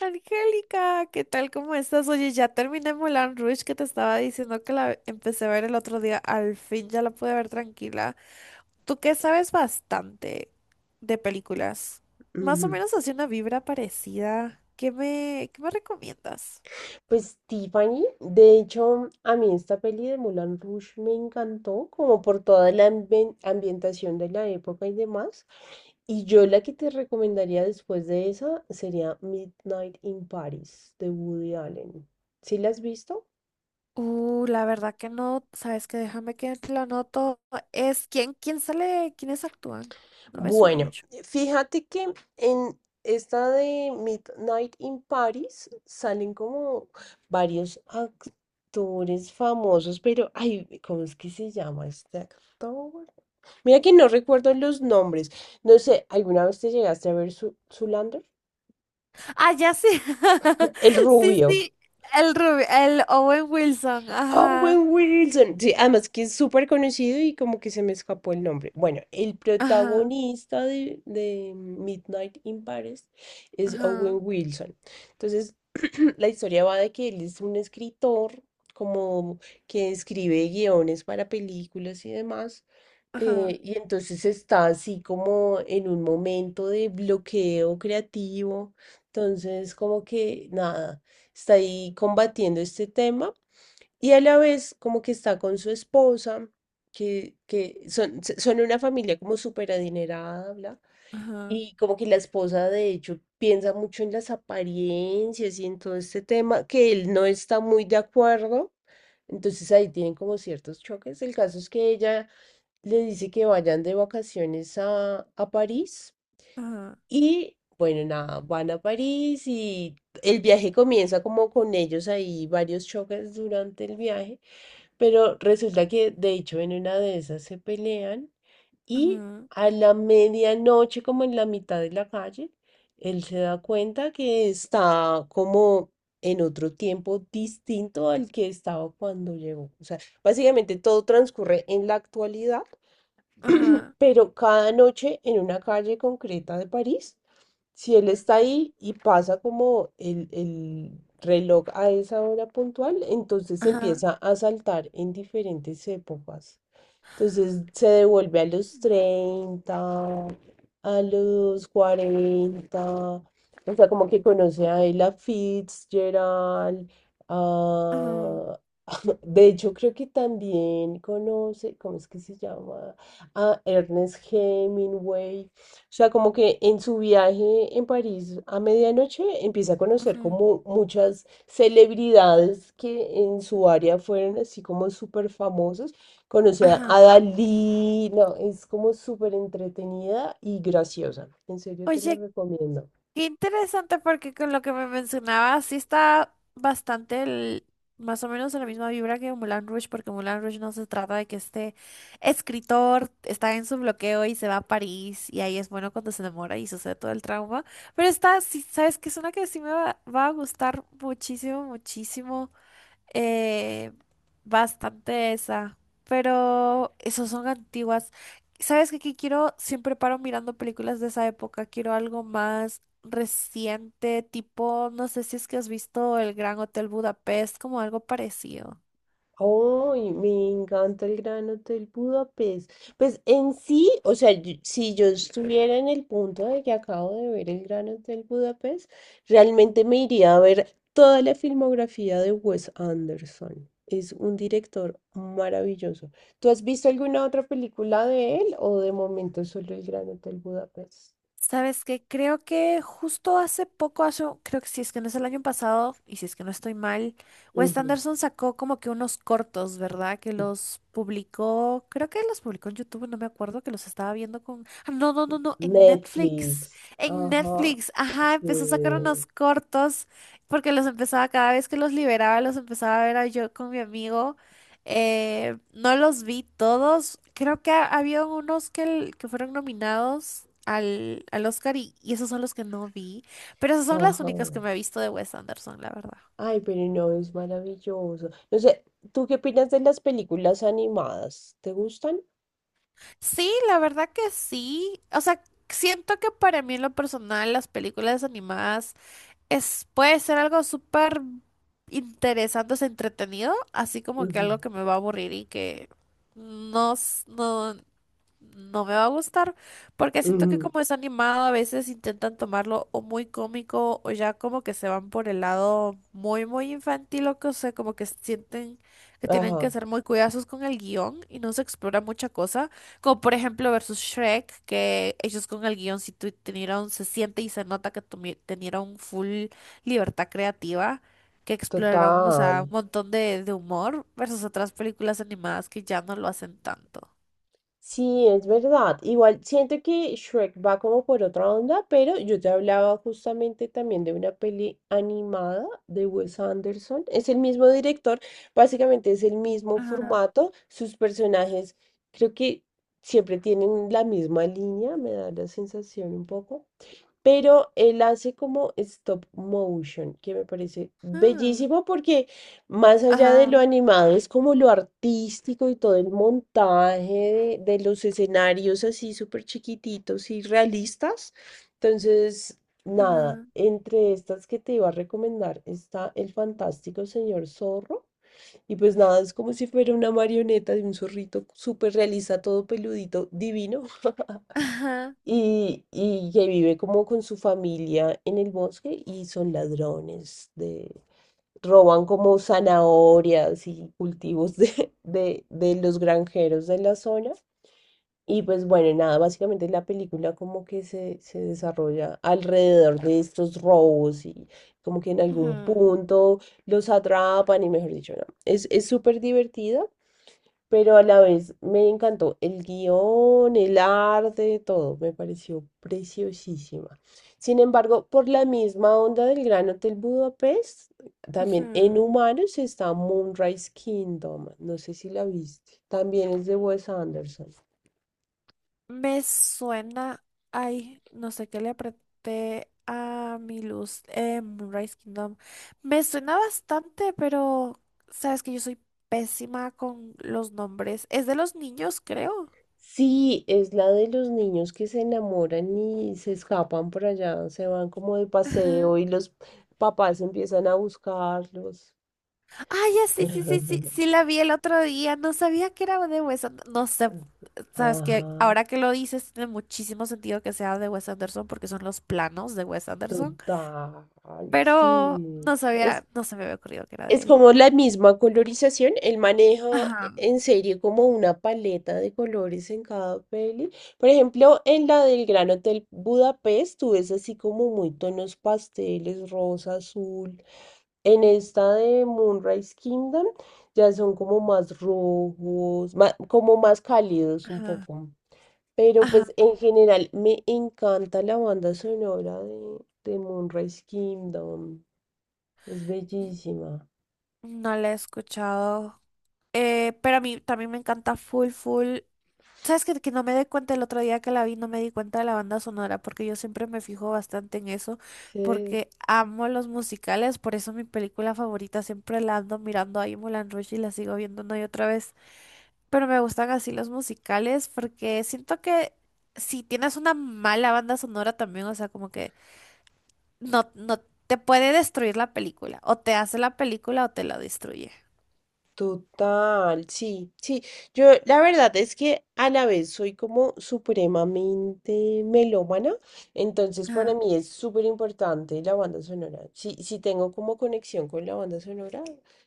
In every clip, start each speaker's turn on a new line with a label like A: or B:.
A: Angélica, ¿qué tal? ¿Cómo estás? Oye, ya terminé Moulin Rouge que te estaba diciendo que la empecé a ver el otro día. Al fin ya la pude ver tranquila. Tú que sabes bastante de películas. Más o
B: Ujú.
A: menos así una vibra parecida. ¿Qué me recomiendas?
B: Pues Tiffany, de hecho, a mí esta peli de Moulin Rouge me encantó, como por toda la ambientación de la época y demás. Y yo la que te recomendaría después de esa sería Midnight in Paris de Woody Allen. ¿Sí la has visto?
A: La verdad que no. ¿Sabes qué? Déjame que la anoto. Es quién sale, quiénes actúan. No me suena
B: Bueno,
A: mucho.
B: fíjate que en esta de Midnight in Paris salen como varios actores famosos, pero ay, ¿cómo es que se llama este actor? Mira que no recuerdo los nombres. No sé, ¿alguna vez te llegaste a ver su Zoolander?
A: Ah, ya sí.
B: El
A: Sí,
B: rubio.
A: sí. El Owen Wilson. Ajá.
B: Owen Wilson. Sí, además que es súper conocido y como que se me escapó el nombre. Bueno, el
A: Ajá,
B: protagonista de Midnight in Paris es
A: ajá,
B: Owen Wilson. Entonces, la historia va de que él es un escritor, como que escribe guiones para películas y demás.
A: ajá,
B: Y entonces está así como en un momento de bloqueo creativo. Entonces, como que nada, está ahí combatiendo este tema y a la vez como que está con su esposa, que son una familia como súper adinerada, bla.
A: ajá,
B: Y como que la esposa de hecho piensa mucho en las apariencias y en todo este tema, que él no está muy de acuerdo. Entonces ahí tienen como ciertos choques. El caso es que ella le dice que vayan de vacaciones a París
A: ajá,
B: y bueno, nada, van a París y el viaje comienza como con ellos ahí, varios choques durante el viaje, pero resulta que de hecho en una de esas se pelean y
A: ajá,
B: a la medianoche, como en la mitad de la calle, él se da cuenta que está como en otro tiempo distinto al que estaba cuando llegó. O sea, básicamente todo transcurre en la actualidad,
A: ajá,
B: pero cada noche en una calle concreta de París, si él está ahí y pasa como el reloj a esa hora puntual, entonces
A: ajá,
B: empieza a saltar en diferentes épocas. Entonces se devuelve a los 30, a los 40, o sea, como que conoce a Ella Fitzgerald,
A: ajá,
B: a... De hecho, creo que también conoce, ¿cómo es que se llama? A Ernest Hemingway. O sea, como que en su viaje en París a medianoche empieza a conocer
A: ajá,
B: como muchas celebridades que en su área fueron así como súper famosas. Conoce a
A: ajá.
B: Dalí. No, es como súper entretenida y graciosa. En serio te la
A: Oye,
B: recomiendo.
A: qué interesante porque con lo que me mencionabas sí está bastante, más o menos en la misma vibra que Moulin Rouge, porque Moulin Rouge no se trata de que este escritor está en su bloqueo y se va a París y ahí es bueno cuando se enamora y sucede todo el trauma. Pero esta, sí, sabes que es una que sí me va a gustar muchísimo, muchísimo. eh, Bastante esa, pero esas son antiguas. ¿Sabes qué quiero? Siempre paro mirando películas de esa época, quiero algo más reciente, tipo, no sé si es que has visto El Gran Hotel Budapest, como algo parecido.
B: ¡Ay, me encanta el Gran Hotel Budapest! Pues en sí, o sea, si yo estuviera en el punto de que acabo de ver el Gran Hotel Budapest, realmente me iría a ver toda la filmografía de Wes Anderson. Es un director maravilloso. ¿Tú has visto alguna otra película de él o de momento solo el Gran Hotel Budapest?
A: ¿Sabes qué? Creo que justo hace poco, hace, creo que si es que no es el año pasado, y si es que no estoy mal, Wes
B: Ujú.
A: Anderson sacó como que unos cortos, ¿verdad? Que los publicó, creo que los publicó en YouTube, no me acuerdo, que los estaba viendo con... Ah, no,
B: Netflix.
A: en
B: Ajá.
A: Netflix, ajá, empezó a sacar
B: Sí.
A: unos cortos, porque los empezaba, cada vez que los liberaba, los empezaba a ver a yo con mi amigo. No los vi todos. Creo que había unos que que fueron nominados al Oscar y esos son los que no vi. Pero esas son las
B: Ajá.
A: únicas que me he visto de Wes Anderson, la verdad.
B: Ay, pero no, es maravilloso. No sé, ¿tú qué opinas de las películas animadas? ¿Te gustan?
A: Sí, la verdad que sí. O sea, siento que para mí en lo personal las películas animadas es, puede ser algo súper interesante, es entretenido, así como que
B: Ujú,
A: algo que me va a aburrir y que no, no, no me va a gustar, porque siento que
B: ujú.
A: como es animado, a veces intentan tomarlo o muy cómico o ya como que se van por el lado muy, muy infantil o que, o sea, como que sienten que tienen que
B: Ajá,
A: ser muy cuidadosos con el guión y no se explora mucha cosa, como por ejemplo versus Shrek, que ellos con el guión sí tenieron, se siente y se nota que tenieron full libertad creativa. Que exploraron, o sea,
B: total.
A: un montón de humor versus otras películas animadas que ya no lo hacen tanto.
B: Sí, es verdad. Igual siento que Shrek va como por otra onda, pero yo te hablaba justamente también de una peli animada de Wes Anderson. Es el mismo director, básicamente es el mismo formato. Sus personajes creo que siempre tienen la misma línea, me da la sensación un poco. Pero él hace como stop motion, que me parece
A: Ah,
B: bellísimo porque más allá de lo
A: ajá,
B: animado, es como lo artístico y todo el montaje de los escenarios así súper chiquititos y realistas. Entonces, nada,
A: ajá,
B: entre estas que te iba a recomendar está El Fantástico Señor Zorro. Y pues nada, es como si fuera una marioneta de un zorrito súper realista, todo peludito, divino.
A: ajá,
B: Y que vive como con su familia en el bosque y son ladrones de, roban como zanahorias y cultivos de los granjeros de la zona. Y pues bueno, nada, básicamente la película como que se desarrolla alrededor de estos robos y como que en algún
A: ujú,
B: punto los atrapan y mejor dicho, no. Es súper divertido, pero a la vez me encantó el guión, el arte, todo, me pareció preciosísima. Sin embargo, por la misma onda del Gran Hotel Budapest, también en
A: ujú.
B: humanos está Moonrise Kingdom, no sé si la viste, también es de Wes Anderson.
A: Me suena, ay, no sé qué le apreté a mi luz en Moonrise Kingdom. Me suena bastante, pero sabes que yo soy pésima con los nombres. Es de los niños, creo.
B: Sí, es la de los niños que se enamoran y se escapan por allá, se van como de
A: Ajá.
B: paseo y los papás empiezan a buscarlos.
A: Ah, ya sí, sí, sí, sí, sí la vi el otro día. No sabía que era de Wes Anderson. No sé, sabes que
B: Ajá,
A: ahora que lo dices, tiene muchísimo sentido que sea de Wes Anderson porque son los planos de Wes Anderson.
B: total,
A: Pero
B: sí.
A: no
B: Es.
A: sabía, no se me había ocurrido que era de
B: Es
A: él.
B: como la misma colorización, él maneja
A: Ajá,
B: en serio como una paleta de colores en cada peli. Por ejemplo, en la del Gran Hotel Budapest, tú ves así como muy tonos pasteles, rosa, azul. En esta de Moonrise Kingdom ya son como más rojos, como más cálidos un
A: ajá.
B: poco. Pero
A: Ajá,
B: pues en general me encanta la banda sonora de Moonrise Kingdom. Es bellísima.
A: no la he escuchado. Pero a mí también me encanta full, full. ¿Sabes que no me di cuenta el otro día que la vi? No me di cuenta de la banda sonora porque yo siempre me fijo bastante en eso
B: Sí.
A: porque amo los musicales, por eso mi película favorita siempre la ando mirando ahí Moulin Rouge y la sigo viendo una y otra vez. Pero me gustan así los musicales porque siento que si tienes una mala banda sonora también, o sea, como que no, no te puede destruir la película, o te hace la película o te la destruye.
B: Total, sí, sí. Yo la verdad es que a la vez soy como supremamente melómana, entonces
A: Ajá.
B: para mí es súper importante la banda sonora. Si tengo como conexión con la banda sonora,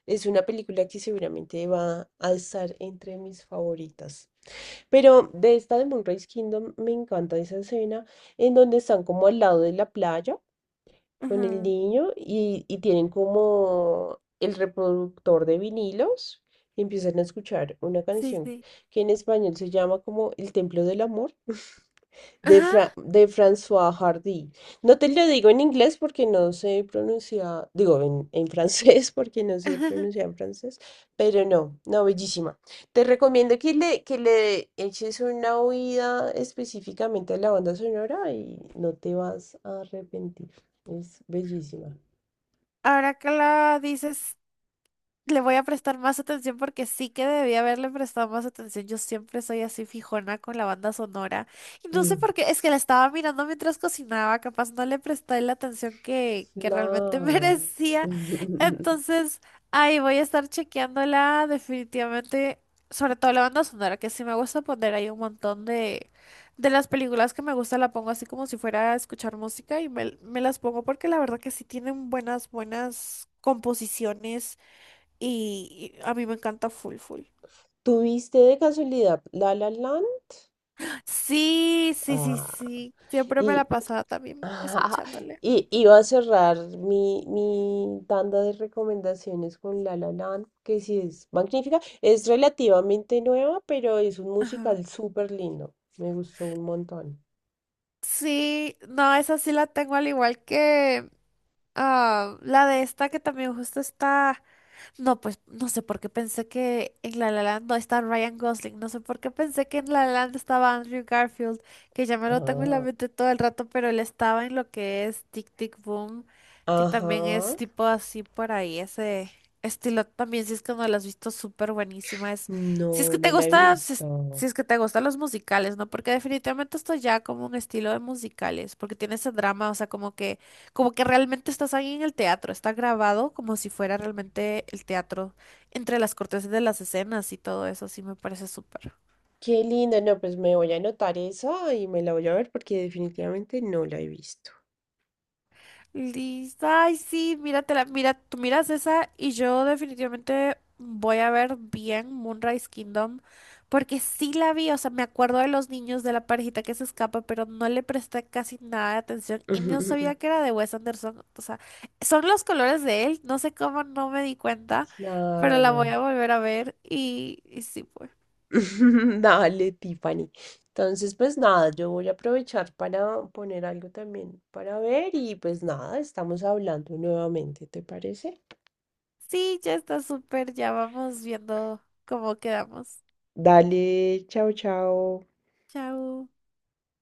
B: es una película que seguramente va a estar entre mis favoritas. Pero de esta de Moonrise Kingdom me encanta esa escena en donde están como al lado de la playa con el
A: Ujú.
B: niño y tienen como el reproductor de vinilos y empiezan a escuchar una
A: Sí,
B: canción
A: sí.
B: que en español se llama como El Templo del Amor de,
A: Ajá.
B: De François Hardy. No te lo digo en inglés porque no sé pronunciar, digo en francés porque no sé pronunciar en francés, pero no, no, bellísima. Te recomiendo que que le eches una oída específicamente a la banda sonora y no te vas a arrepentir. Es bellísima.
A: Ahora que la dices, le voy a prestar más atención porque sí que debí haberle prestado más atención. Yo siempre soy así fijona con la banda sonora. Y no sé
B: Mm.
A: por qué, es que la estaba mirando mientras cocinaba, capaz no le presté la atención que realmente
B: Claro.
A: merecía. Entonces, ahí voy a estar chequeándola definitivamente, sobre todo la banda sonora, que sí me gusta poner ahí un montón de las películas que me gusta, la pongo así como si fuera a escuchar música y me las pongo porque la verdad que sí tienen buenas, buenas composiciones y a mí me encanta full full.
B: ¿Tuviste de casualidad La La Land?
A: Sí, sí, sí,
B: Ah.
A: sí. Siempre me la
B: Y
A: pasaba también
B: ajá.
A: escuchándole.
B: Y iba a cerrar mi tanda de recomendaciones con La La Land, que sí es magnífica. Es relativamente nueva, pero es un
A: Ajá.
B: musical súper lindo. Me gustó un montón.
A: Sí, no, esa sí la tengo al igual que ah, la de esta que también justo está. No, pues no sé por qué pensé que en La La Land no está Ryan Gosling, no sé por qué pensé que en La La Land estaba Andrew Garfield, que ya me lo tengo en la
B: Ah,
A: mente todo el rato, pero él estaba en lo que es Tic Tic Boom, que también
B: ajá.
A: es tipo así por ahí, ese estilo también, si es que no lo has visto, súper buenísima, es, si es que
B: No,
A: te
B: no la he
A: gusta, si
B: visto.
A: es que te gustan los musicales, ¿no? Porque definitivamente esto ya como un estilo de musicales, porque tiene ese drama, o sea, como que realmente estás ahí en el teatro, está grabado como si fuera realmente el teatro entre las cortesas de las escenas y todo eso, sí me parece súper.
B: Qué linda. No, pues me voy a anotar esa y me la voy a ver porque definitivamente no la he visto.
A: Listo. Ay, sí, míratela, mira, tú miras esa y yo definitivamente voy a ver bien Moonrise Kingdom porque sí la vi, o sea, me acuerdo de los niños de la parejita que se escapa, pero no le presté casi nada de atención y no sabía que era de Wes Anderson, o sea, son los colores de él, no sé cómo no me di cuenta, pero la voy
B: Claro.
A: a volver a ver y sí, pues.
B: Dale, Tiffany. Entonces, pues nada, yo voy a aprovechar para poner algo también para ver y pues nada, estamos hablando nuevamente, ¿te parece?
A: Sí, ya está súper, ya vamos viendo cómo quedamos.
B: Dale, chao, chao.
A: Chao.